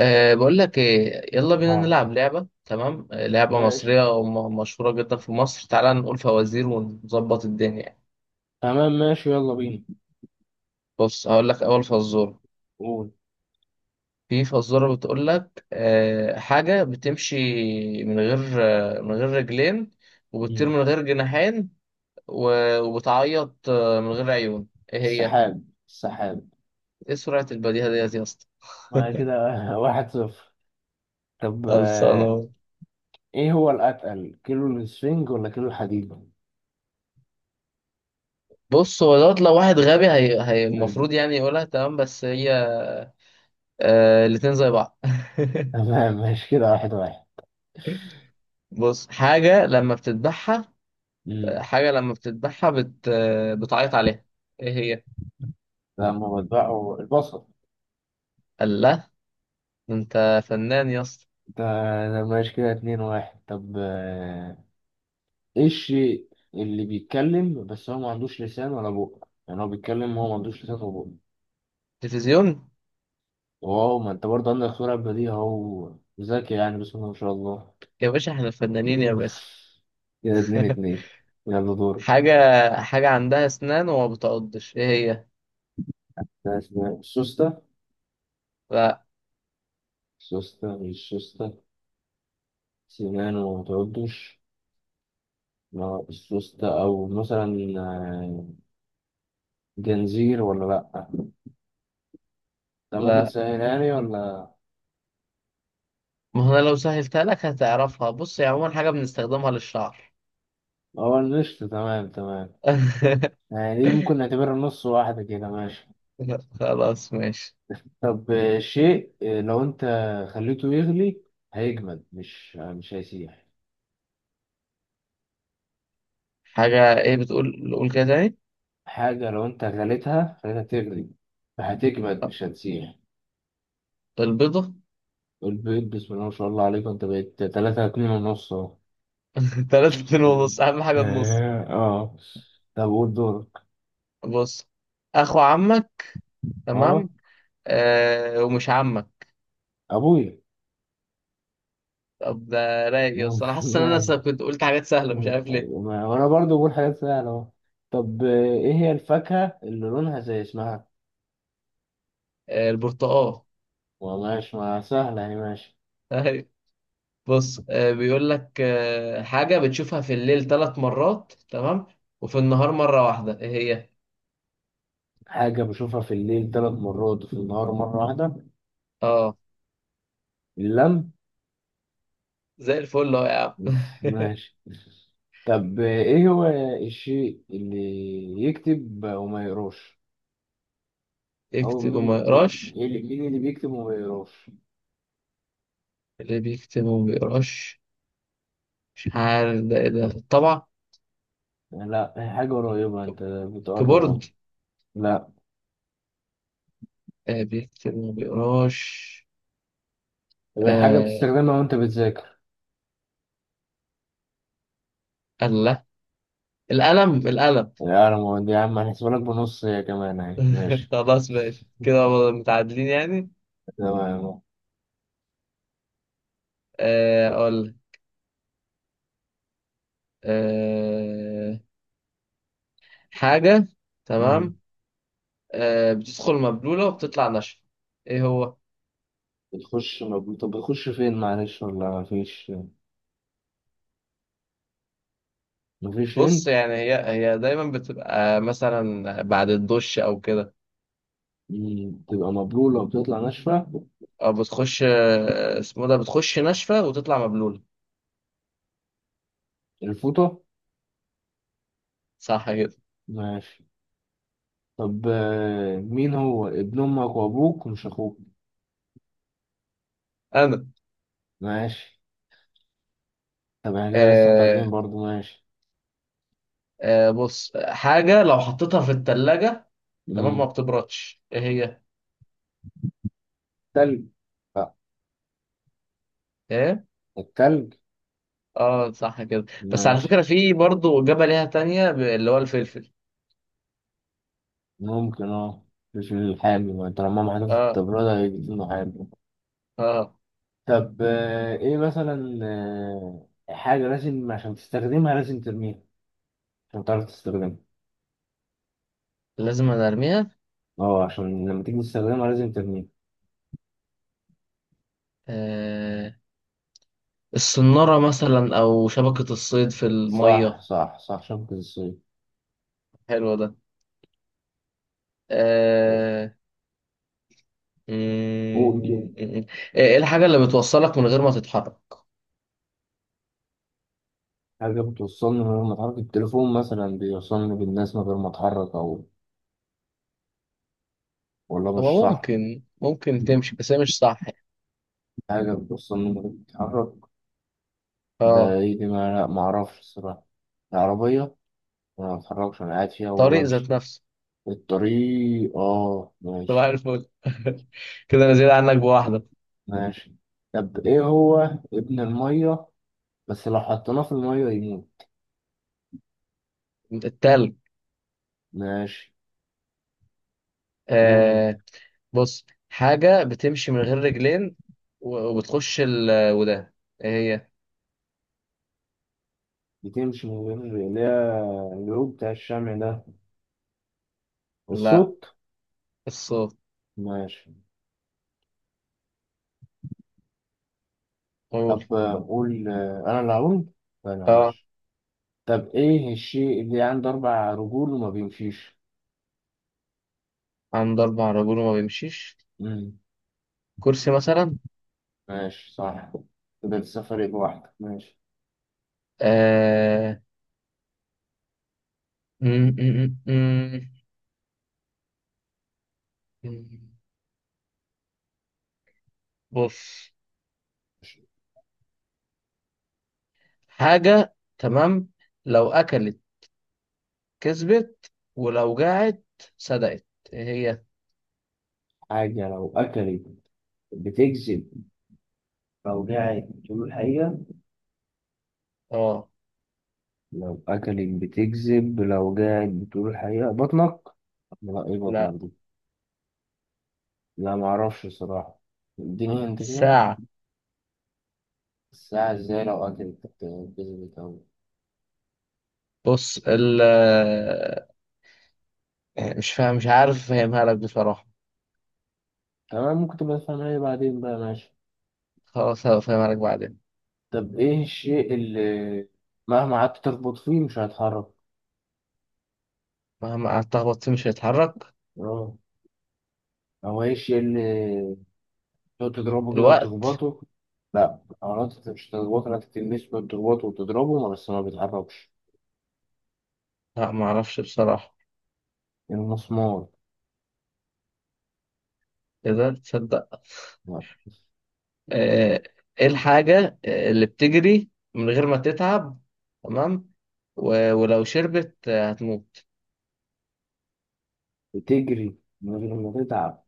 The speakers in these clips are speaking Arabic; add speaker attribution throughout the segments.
Speaker 1: بقول لك إيه، يلا بينا
Speaker 2: اه.
Speaker 1: نلعب لعبة، تمام؟ لعبة
Speaker 2: ماشي.
Speaker 1: مصرية ومشهورة جدا في مصر، تعالى نقول فوازير ونظبط الدنيا يعني.
Speaker 2: تمام، ماشي، يلا بينا.
Speaker 1: بص هقول لك أول فزورة.
Speaker 2: قول.
Speaker 1: في فزورة بتقول لك حاجة بتمشي من غير، من غير رجلين، وبتطير
Speaker 2: مم.
Speaker 1: من غير جناحين، و- وبتعيط من غير عيون. إيه هي؟
Speaker 2: السحاب السحاب.
Speaker 1: إيه سرعة البديهة ديت يا اسطى؟
Speaker 2: آه، كده. واحد صفر. طب،
Speaker 1: خلصانة.
Speaker 2: ايه هو الأتقل، كيلو السفنج ولا كيلو الحديد؟
Speaker 1: بص هو دوت لو واحد غبي هي
Speaker 2: مم.
Speaker 1: المفروض يعني يقولها، تمام؟ بس هي آه الاتنين زي بعض.
Speaker 2: تمام، ماشي، كده واحد واحد.
Speaker 1: بص، حاجة لما بتذبحها،
Speaker 2: مم.
Speaker 1: حاجة لما بتذبحها بت... آه، بتعيط عليها. ايه هي؟
Speaker 2: لما بتبقوا البصل.
Speaker 1: قال لا. ده انت فنان يا اسطى.
Speaker 2: ده ده ماشي، كده اتنين واحد. طب، ايه الشيء اللي بيتكلم بس هو ما عندوش لسان ولا بق؟ يعني هو بيتكلم وهو ما عندوش لسان ولا بق.
Speaker 1: تلفزيون.
Speaker 2: واو، ما انت برضه عندك سرعة بديهة اهو. ذكي يعني، بسم الله ما شاء الله.
Speaker 1: يا باشا، احنا فنانين يا
Speaker 2: مم.
Speaker 1: باشا.
Speaker 2: كده اتنين اتنين. يلا، دورك.
Speaker 1: حاجة، حاجة عندها اسنان وما بتعضش، ايه هي؟
Speaker 2: لا، اسمها السوستة.
Speaker 1: لا،
Speaker 2: السوستة مش سوستة. سنان وما تعدش. ما السوستة، أو مثلا آه، جنزير ولا لأ؟ ده ممكن
Speaker 1: لا،
Speaker 2: تسهلها لي ولا؟
Speaker 1: ما هو انا لو سهلتها لك هتعرفها. بص هي عموما حاجة بنستخدمها للشعر.
Speaker 2: هو النشط، تمام تمام. يعني دي ممكن نعتبرها نص واحدة كده ماشي.
Speaker 1: خلاص ماشي.
Speaker 2: طب، شيء، لو أنت خليته يغلي، هيجمد، مش هيسيح.
Speaker 1: حاجة ايه؟ بتقول قول كده تاني.
Speaker 2: حاجة لو أنت غليتها خليتها تغلي، فهتجمد مش هتسيح.
Speaker 1: البيضة.
Speaker 2: البيض، بسم الله ما شاء الله عليك، انت بقيت تلاتة اتنين ونص اهو.
Speaker 1: تلاتة اتنين ونص، أهم حاجة النص.
Speaker 2: اه. آه. طب قول دورك.
Speaker 1: بص، اخو عمك، تمام،
Speaker 2: اه.
Speaker 1: آه، ومش عمك.
Speaker 2: ابويا.
Speaker 1: طب ده رايق يا اسطى، انا حاسس ان انا
Speaker 2: معي.
Speaker 1: كنت قلت حاجات سهله، مش عارف ليه.
Speaker 2: وانا برضو بقول حاجات سهلة اهو. طب، ايه هي الفاكهة اللي لونها زي اسمها؟
Speaker 1: آه البرتقال.
Speaker 2: وماشي، ما سهلة يعني، ماشي.
Speaker 1: أيوة. بص، بيقول لك حاجه بتشوفها في الليل ثلاث مرات، تمام، وفي النهار مره واحده، ايه هي؟
Speaker 2: حاجة بشوفها في الليل 3 مرات، وفي النهار مرة واحدة.
Speaker 1: اه
Speaker 2: اللم.
Speaker 1: زي الفل اهو يا عم.
Speaker 2: بس ماشي. طب، ايه هو الشيء اللي يكتب وما يقراش؟ أو
Speaker 1: يكتب وما
Speaker 2: مين،
Speaker 1: يقراش،
Speaker 2: إيه اللي، مين اللي بيكتب وما بيقراش؟
Speaker 1: اللي بيكتب وما بيقراش، مش عارف ده ايه، ده الطبعة.
Speaker 2: لا، هي حاجة قريبة، أنت بتقرب
Speaker 1: كيبورد.
Speaker 2: أهو. لا.
Speaker 1: آه بيكتب وما بيقراش.
Speaker 2: طب، هي حاجة
Speaker 1: آه،
Speaker 2: بتستخدمها وأنت بتذاكر.
Speaker 1: القلم، القلم.
Speaker 2: لا، أنا ما يا عم، هنحسبها لك بنص هي كمان أهي، ماشي.
Speaker 1: خلاص ماشي، كده متعادلين يعني.
Speaker 2: تمام.
Speaker 1: اقول لك. آه، حاجة،
Speaker 2: مم.
Speaker 1: تمام، بتدخل مبلولة وبتطلع ناشفة، ايه هو؟
Speaker 2: بتخش طب بتخش فين؟ معلش، ولا مفيش؟ مفيش
Speaker 1: بص
Speaker 2: هنت.
Speaker 1: يعني هي دايما بتبقى مثلا بعد الدش او كده،
Speaker 2: تبقى مبلولة وبتطلع ناشفة.
Speaker 1: او بتخش آه، اسمه ده بتخش ناشفة وتطلع مبلولة.
Speaker 2: الفوطة.
Speaker 1: صح كده.
Speaker 2: ماشي. طب، مين هو ابن أمك وأبوك، مش أخوك؟
Speaker 1: انا.
Speaker 2: ماشي. طب احنا كده لسه
Speaker 1: آه،
Speaker 2: متعادلين برضو، ماشي.
Speaker 1: بص، حاجة لو حطيتها في التلاجة، تمام، ما
Speaker 2: مم.
Speaker 1: بتبردش، ايه هي؟
Speaker 2: تلج.
Speaker 1: إيه؟
Speaker 2: التلج.
Speaker 1: اه صح كده. بس على
Speaker 2: ماشي.
Speaker 1: فكرة في برضه إجابة ليها تانية، اللي هو الفلفل.
Speaker 2: ممكن، اه. مش الحامي؟ ما طالما ما حدث
Speaker 1: اه.
Speaker 2: التبرد هيجيب له حامي.
Speaker 1: اه
Speaker 2: طب، ايه مثلا، حاجة لازم عشان تستخدمها لازم ترميها، عشان تعرف تستخدمها.
Speaker 1: لازم أنا ارميها.
Speaker 2: اه، عشان لما تيجي تستخدمها لازم ترميها.
Speaker 1: آه، الصنارة مثلا او شبكة الصيد في
Speaker 2: صح
Speaker 1: المية.
Speaker 2: صح صح، شبكة الصيد.
Speaker 1: حلو ده. آه. مم،
Speaker 2: قول كده.
Speaker 1: مم. ايه الحاجة اللي بتوصلك من غير ما تتحرك؟
Speaker 2: حاجة بتوصلني من غير ما اتحرك، التليفون مثلا بيوصلني بالناس من غير ما اتحرك. او، والله مش
Speaker 1: هو
Speaker 2: صح.
Speaker 1: ممكن، ممكن تمشي، بس هي مش صح يعني.
Speaker 2: حاجة بتوصلني من غير ما اتحرك، ده
Speaker 1: اه،
Speaker 2: ايه دي؟ ما لا، معرفش الصراحة. العربية، أنا ما بتحركش، أنا قاعد فيها
Speaker 1: طريق ذات
Speaker 2: وبمشي.
Speaker 1: نفسه.
Speaker 2: الطريق، آه،
Speaker 1: صباح
Speaker 2: ماشي.
Speaker 1: الفل. كده انا زيادة عنك بواحدة.
Speaker 2: ماشي. طب إيه هو ابن المية، بس لو حطيناه في المية يموت؟
Speaker 1: التلج.
Speaker 2: ماشي. قول أنت.
Speaker 1: آه. بص حاجة بتمشي من غير رجلين، و- وبتخش وده، ايه هي؟
Speaker 2: بتمشي من غير، اللي هي الجروب بتاع الشمع ده،
Speaker 1: لا،
Speaker 2: الصوت.
Speaker 1: الصوت.
Speaker 2: ماشي.
Speaker 1: قول.
Speaker 2: طب، قول. أنا اللي هقول. لا،
Speaker 1: اه
Speaker 2: معلش. طب إيه الشيء اللي عنده 4 رجول وما بيمشيش؟
Speaker 1: عنده أربع رجول وما بيمشيش،
Speaker 2: مم.
Speaker 1: كرسي مثلا.
Speaker 2: ماشي، صح. كده لسه فارق بواحدة، ماشي.
Speaker 1: آه. م- م- م- م- بص، حاجة، تمام، لو أكلت كسبت، ولو جاعت صدقت، ايه هي؟
Speaker 2: حاجة لو أكلت بتجذب، لو قاعد بتقول الحقيقة.
Speaker 1: اه.
Speaker 2: لو أكلك بتكذب، لو قاعد بتقول الحقيقة بطنك. لا، إيه
Speaker 1: لا.
Speaker 2: بطنك دي؟ لا، معرفش الصراحة. اديني انت كده.
Speaker 1: ساعة.
Speaker 2: الساعة ازاي؟ لو أكلك كذبت أوي.
Speaker 1: بص ال مش فاهم، مش عارف أفهمها لك بصراحة.
Speaker 2: تمام، ممكن تبقى تفهمها لي بعدين بقى، ماشي.
Speaker 1: خلاص هفهم عليك بعدين.
Speaker 2: طب إيه الشيء اللي مهما قعدت تخبط فيه مش هيتحرك؟
Speaker 1: مهما قعدت أخبط فيه مش هيتحرك،
Speaker 2: اه. هو إيه الشيء اللي تقعد تضربه كده
Speaker 1: الوقت.
Speaker 2: وتخبطه؟ لا، حيوانات؟ انت مش هتخبطه، لا تلمسه ولا تخبطه وتضربه بس ما بيتحركش.
Speaker 1: لا معرفش بصراحة.
Speaker 2: المسمار.
Speaker 1: إيه ده؟ تصدق.
Speaker 2: لا،
Speaker 1: آه، إيه الحاجة اللي بتجري من غير ما تتعب، تمام، و- ولو شربت هتموت؟
Speaker 2: بتجري من غير ما تتعب،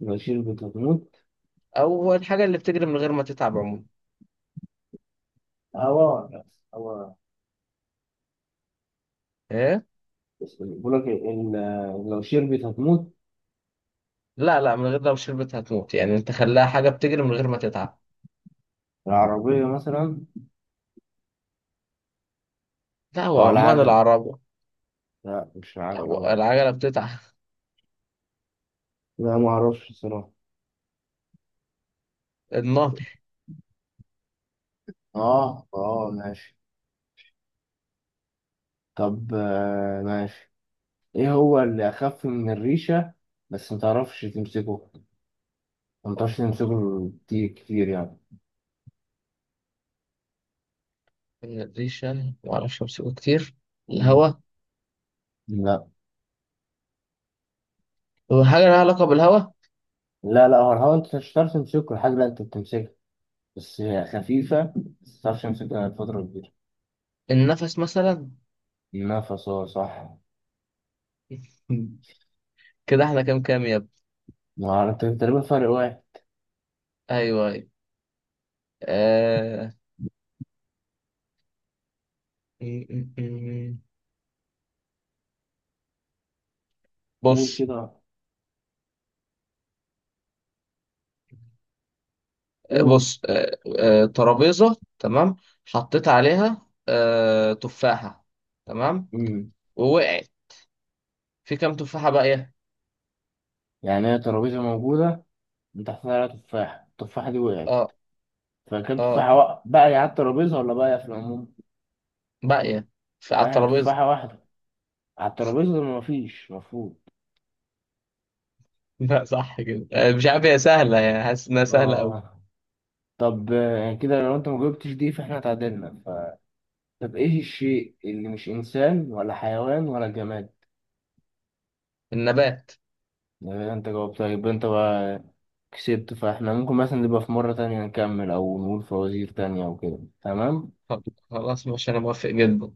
Speaker 2: لو شربت هتموت.
Speaker 1: أو الحاجة اللي بتجري من غير ما تتعب عموما.
Speaker 2: هو هو.
Speaker 1: إيه؟
Speaker 2: بس بيقول لك لو شربت هتموت.
Speaker 1: لا، لا، من غير لو شربت هتموت، يعني أنت خلاها حاجة بتجري من غير ما تتعب.
Speaker 2: العربية مثلا؟
Speaker 1: لا هو
Speaker 2: أو
Speaker 1: عموما
Speaker 2: العجلة؟
Speaker 1: العربة.
Speaker 2: لا، مش العجلة
Speaker 1: هو
Speaker 2: برضه.
Speaker 1: العجلة بتتعب.
Speaker 2: لا، ما أعرفش الصراحة.
Speaker 1: النهر.
Speaker 2: آه، آه، ماشي. طب، ماشي، إيه هو اللي أخف من الريشة، بس ما تعرفش تمسكه؟ ما تعرفش تمسكه كتير كتير يعني.
Speaker 1: الريشة معرفش أمسكه كتير.
Speaker 2: مم.
Speaker 1: الهوا.
Speaker 2: لا،
Speaker 1: هو حاجة لها علاقة بالهوا.
Speaker 2: لا، لا هو الهوا، أنت مش هتعرف تمسكه. الحاجة لا، أنت بتمسكها، بس هي خفيفة، بس متعرفش أمسكها فترة كبيرة.
Speaker 1: النفس مثلا.
Speaker 2: نفس، هو صح.
Speaker 1: كده احنا كام كام يا ابني؟
Speaker 2: ما أعرف، تقريبا فرق واحد.
Speaker 1: ايوه، ايوه. آه... م- م- م.
Speaker 2: قول
Speaker 1: بص.
Speaker 2: كده. قول.
Speaker 1: بص، ترابيزة، تمام، حطيت عليها تفاحة، تمام،
Speaker 2: مم.
Speaker 1: ووقعت، في كام تفاحة باقية؟
Speaker 2: يعني هي ترابيزة موجودة، من تحتها عليها تفاحة، التفاحة دي وقعت،
Speaker 1: اه.
Speaker 2: فكان
Speaker 1: اه
Speaker 2: تفاحة بقى على الترابيزة، ولا بقى في العموم؟
Speaker 1: باقية، على
Speaker 2: لا، هي
Speaker 1: الترابيزة.
Speaker 2: تفاحة واحدة، على الترابيزة مفيش مفروض.
Speaker 1: لا صح كده. مش عارف هي سهلة يعني، حاسس انها سهلة أوي.
Speaker 2: آه. طب، كده لو أنت ما جاوبتش دي فإحنا اتعادلنا طب إيه الشيء اللي مش إنسان ولا حيوان ولا جماد؟
Speaker 1: النبات.
Speaker 2: يعني أنت جاوبتها، يبقى أنت بقى كسبت، فاحنا ممكن مثلا نبقى في مرة تانية نكمل، أو نقول فوازير تانية أو كده، تمام.
Speaker 1: خلاص ماشي، انا موافق جدا.